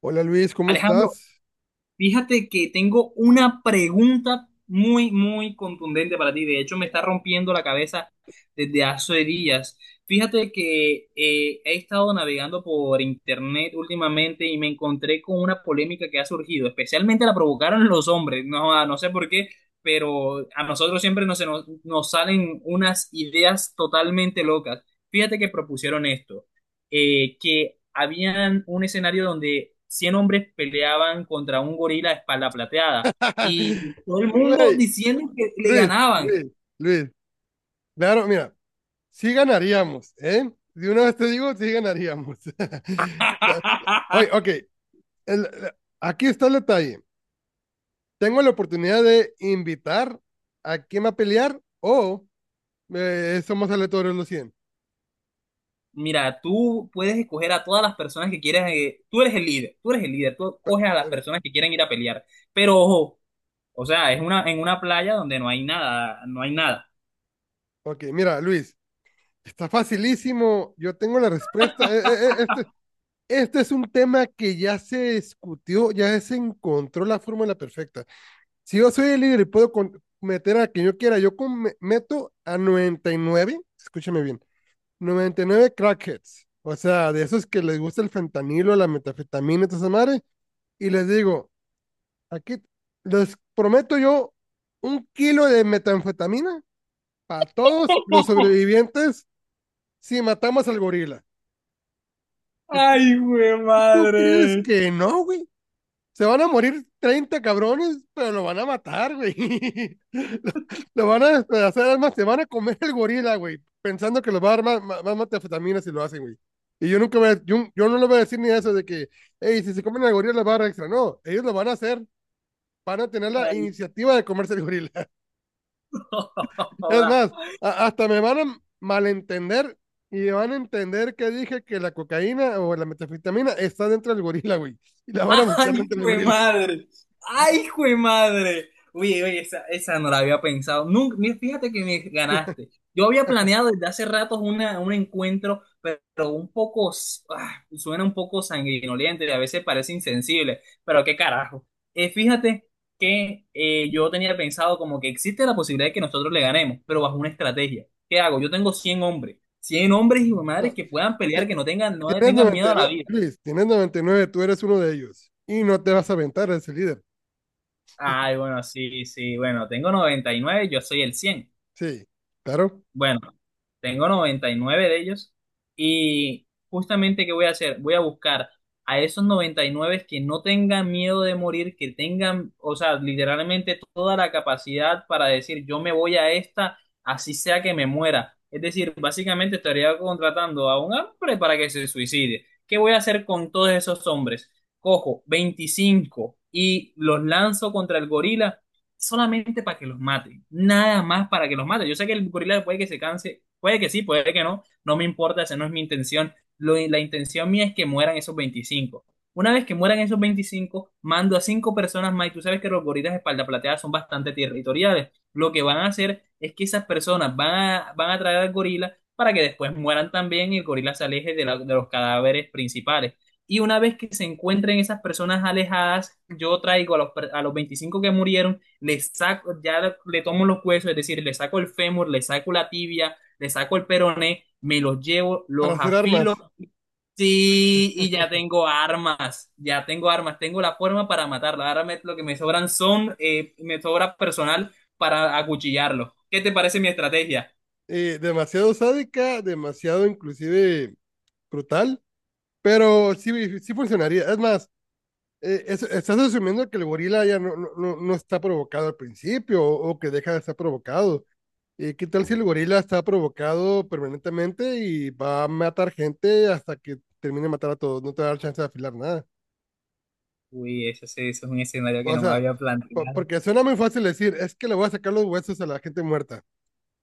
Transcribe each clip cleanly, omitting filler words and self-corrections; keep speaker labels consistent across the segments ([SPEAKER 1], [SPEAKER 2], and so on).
[SPEAKER 1] Hola Luis, ¿cómo
[SPEAKER 2] Alejandro,
[SPEAKER 1] estás?
[SPEAKER 2] fíjate que tengo una pregunta muy, muy contundente para ti. De hecho, me está rompiendo la cabeza desde hace días. Fíjate que he estado navegando por internet últimamente y me encontré con una polémica que ha surgido. Especialmente la provocaron los hombres. No, no sé por qué, pero a nosotros siempre nos salen unas ideas totalmente locas. Fíjate que propusieron esto que habían un escenario donde 100 hombres peleaban contra un gorila de espalda plateada, y todo el mundo
[SPEAKER 1] Güey,
[SPEAKER 2] diciendo que le
[SPEAKER 1] Luis,
[SPEAKER 2] ganaban.
[SPEAKER 1] Luis, Luis. Claro, mira, sí ganaríamos, ¿eh? De una vez te digo, sí ganaríamos. Oye, ok, el- aquí está el detalle. Tengo la oportunidad de invitar a quien va a pelear o somos aleatorios los 100.
[SPEAKER 2] Mira, tú puedes escoger a todas las personas que quieras. Tú eres el líder, tú coges a las personas que quieren ir a pelear. Pero ojo, o sea, es una, en una playa donde no hay nada, no hay nada.
[SPEAKER 1] Ok, mira, Luis, está facilísimo. Yo tengo la respuesta. Este es un tema que ya se discutió, ya se encontró la fórmula perfecta. Si yo soy el líder y puedo meter a quien yo quiera, yo meto a 99, escúchame bien, 99 crackheads, o sea, de esos que les gusta el fentanilo, la metafetamina y toda esa madre, y les digo, aquí les prometo yo un kilo de metanfetamina para todos los sobrevivientes si matamos al gorila. ¿Y tú,
[SPEAKER 2] Ay, güey,
[SPEAKER 1] y tú crees
[SPEAKER 2] madre.
[SPEAKER 1] que no, güey? Se van a morir 30 cabrones, pero lo van a matar, güey. Lo, lo van a despedazar, además se van a comer el gorila, güey, pensando que los va a dar más metanfetaminas si lo hacen, güey. Y yo no le voy a decir ni eso de que, hey, si se comen el gorila les va a dar extra. No, ellos lo van a hacer, van a tener la
[SPEAKER 2] Ay,
[SPEAKER 1] iniciativa de comerse el gorila. Es más, hasta me van a malentender y van a entender que dije que la cocaína o la metanfetamina está dentro del gorila, güey. Y la van a buscar
[SPEAKER 2] ¡Ay,
[SPEAKER 1] dentro del
[SPEAKER 2] jue
[SPEAKER 1] gorila.
[SPEAKER 2] madre! ¡Ay, jue madre! Oye, oye, esa no la había pensado. Nunca, mira, fíjate que me ganaste. Yo había planeado desde hace rato una, un encuentro, pero un poco, suena un poco sanguinoliente y a veces parece insensible, pero qué carajo. Fíjate que yo tenía pensado como que existe la posibilidad de que nosotros le ganemos, pero bajo una estrategia. ¿Qué hago? Yo tengo 100 hombres y madres
[SPEAKER 1] No,
[SPEAKER 2] que puedan pelear, que no tengan, no le
[SPEAKER 1] tienes
[SPEAKER 2] tengan miedo a la
[SPEAKER 1] 99,
[SPEAKER 2] vida.
[SPEAKER 1] Luis, tienes 99, tú eres uno de ellos. Y no te vas a aventar a ese líder.
[SPEAKER 2] Ay, bueno, sí, sí, bueno, tengo 99. Yo soy el 100.
[SPEAKER 1] Sí, claro.
[SPEAKER 2] Bueno, tengo 99 de ellos y justamente, ¿qué voy a hacer? Voy a buscar a esos 99 que no tengan miedo de morir, que tengan, o sea, literalmente toda la capacidad para decir yo me voy a esta, así sea que me muera. Es decir, básicamente estaría contratando a un hombre para que se suicide. ¿Qué voy a hacer con todos esos hombres? Cojo 25 y los lanzo contra el gorila solamente para que los mate, nada más para que los mate. Yo sé que el gorila puede que se canse, puede que sí, puede que no, no me importa, esa no es mi intención. La intención mía es que mueran esos veinticinco. Una vez que mueran esos veinticinco, mando a cinco personas más, y tú sabes que los gorilas de espalda plateada son bastante territoriales. Lo que van a hacer es que esas personas van a traer al gorila para que después mueran también y el gorila se aleje de, de los cadáveres principales. Y una vez que se encuentren esas personas alejadas, yo traigo a los, a los 25 que murieron, le saco, ya le tomo los huesos, es decir, le saco el fémur, le saco la tibia, le saco el peroné, me los llevo,
[SPEAKER 1] Para
[SPEAKER 2] los
[SPEAKER 1] hacer
[SPEAKER 2] afilo,
[SPEAKER 1] armas.
[SPEAKER 2] sí, y ya tengo armas, tengo la forma para matarla. Lo que me sobran son, me sobra personal para acuchillarlo. ¿Qué te parece mi estrategia?
[SPEAKER 1] Demasiado sádica, demasiado inclusive brutal, pero sí, sí funcionaría. Es más, estás asumiendo que el gorila ya no está provocado al principio o, que deja de estar provocado. ¿Qué tal si el gorila está provocado permanentemente y va a matar gente hasta que termine de matar a todos? No te va a dar chance de afilar nada.
[SPEAKER 2] Uy, eso, sí, eso es un escenario que
[SPEAKER 1] O
[SPEAKER 2] no me
[SPEAKER 1] sea,
[SPEAKER 2] había planteado.
[SPEAKER 1] porque suena muy fácil decir, es que le voy a sacar los huesos a la gente muerta.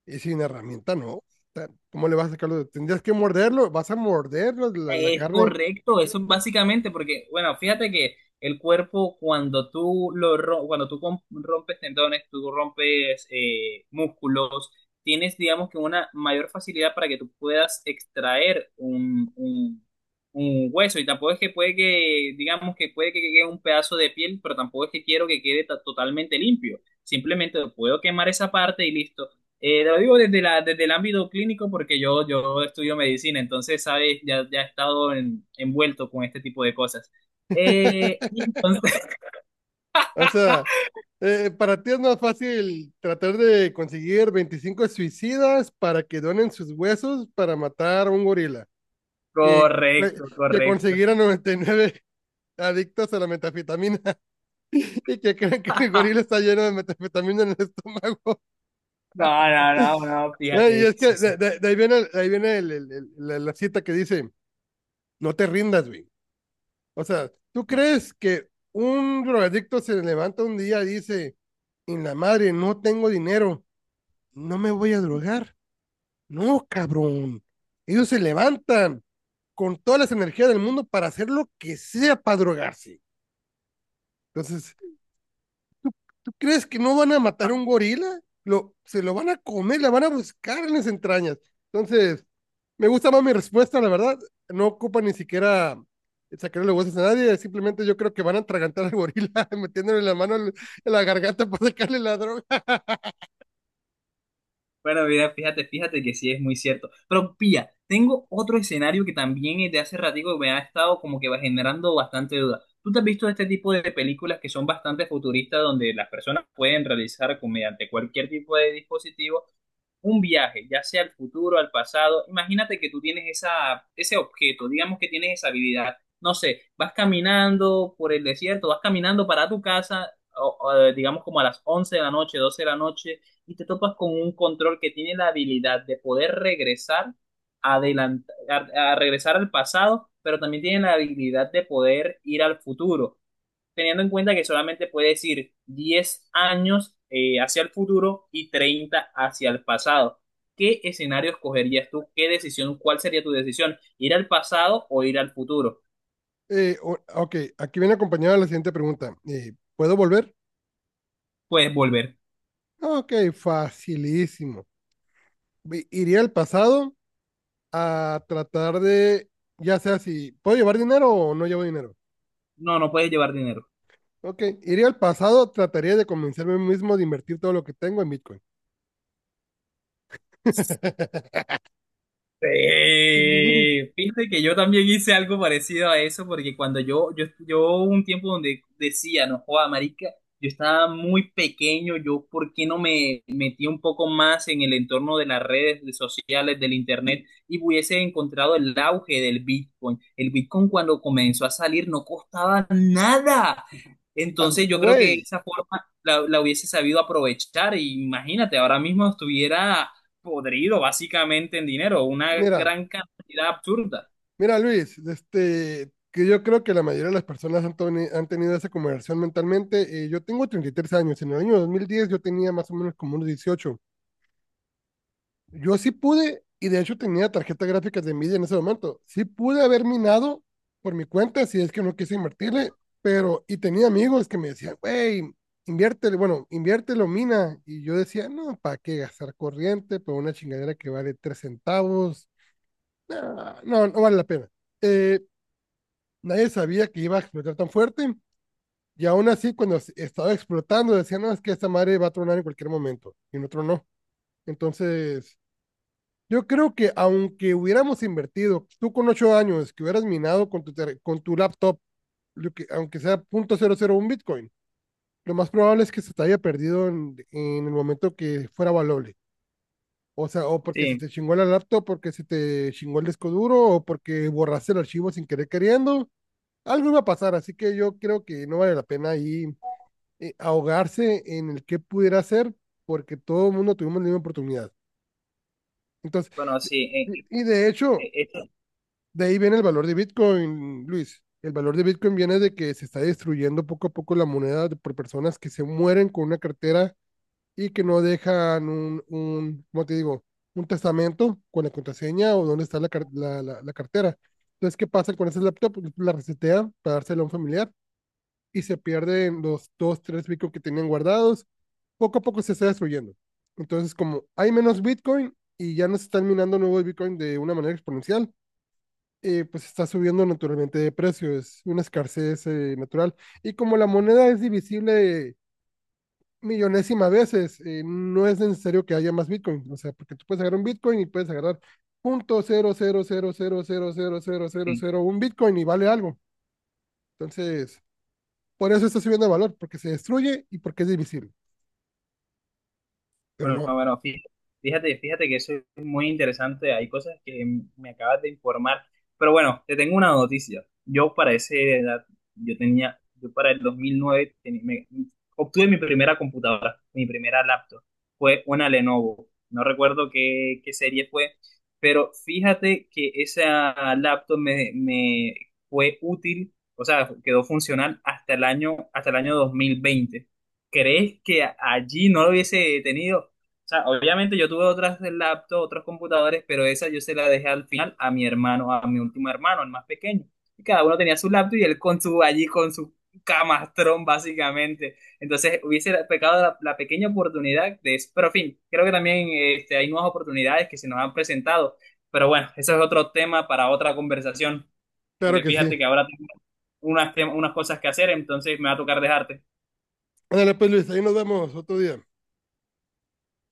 [SPEAKER 1] Y sin herramienta, no. O sea, ¿cómo le vas a sacar los? Tendrías que morderlo, vas a morder la
[SPEAKER 2] Es
[SPEAKER 1] carne.
[SPEAKER 2] correcto, eso es básicamente porque, bueno, fíjate que el cuerpo cuando tú cuando tú rompes tendones, tú rompes músculos, tienes, digamos que una mayor facilidad para que tú puedas extraer un hueso, y tampoco es que puede que, digamos que puede que quede un pedazo de piel, pero tampoco es que quiero que quede totalmente limpio. Simplemente puedo quemar esa parte y listo. Te lo digo desde la, desde el ámbito clínico porque yo estudio medicina, entonces, sabes, ya he estado envuelto con este tipo de cosas. Eh, y entonces,
[SPEAKER 1] O sea, para ti es más fácil tratar de conseguir 25 suicidas para que donen sus huesos para matar a un gorila que,
[SPEAKER 2] correcto,
[SPEAKER 1] que
[SPEAKER 2] correcto.
[SPEAKER 1] conseguir a 99 adictos a la metafetamina y que crean que el gorila está lleno de metafetamina en el estómago.
[SPEAKER 2] No, no, no, no,
[SPEAKER 1] Y
[SPEAKER 2] fíjate,
[SPEAKER 1] es que
[SPEAKER 2] sí, sí.
[SPEAKER 1] de ahí viene, ahí viene la cita que dice, no te rindas, güey. O sea, ¿tú
[SPEAKER 2] No.
[SPEAKER 1] crees que un drogadicto se levanta un día y dice, en la madre, no tengo dinero, no me voy a drogar? No, cabrón. Ellos se levantan con todas las energías del mundo para hacer lo que sea para drogarse. Entonces, ¿tú crees que no van a matar a un gorila? Se lo van a comer, la van a buscar en las entrañas. Entonces, me gusta más mi respuesta, la verdad. No ocupa ni siquiera sacarle huesos a nadie. Simplemente yo creo que van a atragantar al gorila metiéndole la mano en la garganta para sacarle la droga.
[SPEAKER 2] Bueno, mira, fíjate, fíjate que sí es muy cierto. Pero pilla, tengo otro escenario que también desde hace ratico me ha estado como que va generando bastante duda. ¿Tú te has visto este tipo de películas que son bastante futuristas donde las personas pueden realizar mediante cualquier tipo de dispositivo un viaje, ya sea al futuro, al pasado? Imagínate que tú tienes esa, ese objeto, digamos que tienes esa habilidad, no sé, vas caminando por el desierto, vas caminando para tu casa, o, digamos, como a las 11 de la noche, 12 de la noche, y te topas con un control que tiene la habilidad de poder regresar, a regresar al pasado, pero también tiene la habilidad de poder ir al futuro, teniendo en cuenta que solamente puedes ir 10 años hacia el futuro y 30 hacia el pasado. ¿Qué escenario escogerías tú? ¿Qué decisión? ¿Cuál sería tu decisión? ¿Ir al pasado o ir al futuro?
[SPEAKER 1] Ok, aquí viene acompañada la siguiente pregunta. ¿Puedo volver?
[SPEAKER 2] Puedes volver.
[SPEAKER 1] Ok, facilísimo. Iría al pasado a tratar de, ya sea si puedo llevar dinero o no llevo dinero.
[SPEAKER 2] No, no puedes llevar dinero.
[SPEAKER 1] Ok, iría al pasado, trataría de convencerme a mí mismo de invertir todo lo que tengo en Bitcoin.
[SPEAKER 2] Fíjate que yo también hice algo parecido a eso, porque cuando yo hubo un tiempo donde decía, no joda, marica, yo estaba muy pequeño, yo por qué no me metí un poco más en el entorno de las redes sociales, del internet, y hubiese encontrado el auge del Bitcoin. El Bitcoin cuando comenzó a salir no costaba nada.
[SPEAKER 1] Ah,
[SPEAKER 2] Entonces yo creo que
[SPEAKER 1] güey,
[SPEAKER 2] esa forma la hubiese sabido aprovechar. Y imagínate, ahora mismo estuviera podrido básicamente en dinero, una
[SPEAKER 1] mira,
[SPEAKER 2] gran cantidad absurda.
[SPEAKER 1] mira, Luis, que yo creo que la mayoría de las personas han tenido esa conversión mentalmente. Yo tengo 33 años, en el año 2010 yo tenía más o menos como unos 18. Yo sí pude, y de hecho tenía tarjetas gráficas de Nvidia en ese momento, sí pude haber minado por mi cuenta si es que no quise invertirle, pero, y tenía amigos que me decían, güey, inviértele, bueno, inviértelo, mina. Y yo decía, no, ¿para qué gastar corriente por una chingadera que vale 3 centavos? No, no, no vale la pena. Eh, Nadie sabía que iba a explotar tan fuerte. Y aún así, cuando estaba explotando, decían, no, es que esta madre va a tronar en cualquier momento. Y en otro no. Entonces, yo creo que aunque hubiéramos invertido, tú con 8 años, que hubieras minado con tu laptop, lo que, aunque sea .001 Bitcoin, lo más probable es que se te haya perdido en el momento que fuera valable. O sea, o porque se
[SPEAKER 2] Sí,
[SPEAKER 1] te chingó la laptop, porque se te chingó el disco duro, o porque borraste el archivo sin querer queriendo, algo iba a pasar, así que yo creo que no vale la pena ahí ahogarse en el que pudiera ser, porque todo el mundo tuvimos la misma oportunidad. Entonces,
[SPEAKER 2] bueno, sí,
[SPEAKER 1] de hecho,
[SPEAKER 2] eh, esto-
[SPEAKER 1] de ahí viene el valor de Bitcoin, Luis. El valor de Bitcoin viene de que se está destruyendo poco a poco la moneda por personas que se mueren con una cartera y que no dejan ¿cómo te digo? Un testamento con la contraseña o dónde está la cartera. Entonces, ¿qué pasa con ese laptop? La resetea para dársela a un familiar y se pierden los dos, tres Bitcoin que tenían guardados. Poco a poco se está destruyendo. Entonces, como hay menos Bitcoin y ya no se están minando nuevos Bitcoin de una manera exponencial, pues está subiendo naturalmente de precio. Es una escasez natural. Y como la moneda es divisible millonésima veces, no es necesario que haya más Bitcoin. O sea, porque tú puedes agarrar un Bitcoin y puedes agarrar punto cero cero cero cero cero cero cero cero
[SPEAKER 2] sí.
[SPEAKER 1] cero un Bitcoin y vale algo. Entonces, por eso está subiendo de valor, porque se destruye y porque es divisible. Pero
[SPEAKER 2] Bueno,
[SPEAKER 1] no,
[SPEAKER 2] no, bueno, fíjate, fíjate que eso es muy interesante. Hay cosas que me acabas de informar. Pero bueno, te tengo una noticia. Yo para esa edad, yo tenía, yo para el 2009 obtuve mi primera computadora, mi primera laptop. Fue una Lenovo. No recuerdo qué, qué serie fue, pero fíjate que esa laptop me fue útil, o sea, quedó funcional hasta el año 2020. ¿Crees que allí no lo hubiese tenido? O sea, obviamente yo tuve otras laptops, otros computadores, pero esa yo se la dejé al final a mi hermano, a mi último hermano, el más pequeño. Y cada uno tenía su laptop, y él con su, allí con su camastrón, básicamente. Entonces hubiese pecado la, la pequeña oportunidad de eso. Pero en fin, creo que también este, hay nuevas oportunidades que se nos han presentado. Pero bueno, eso es otro tema para otra conversación,
[SPEAKER 1] claro
[SPEAKER 2] porque
[SPEAKER 1] que sí.
[SPEAKER 2] fíjate que ahora tengo unas, unas cosas que hacer, entonces me va a tocar dejarte.
[SPEAKER 1] Ándale, pues Luis, ahí nos vemos otro día.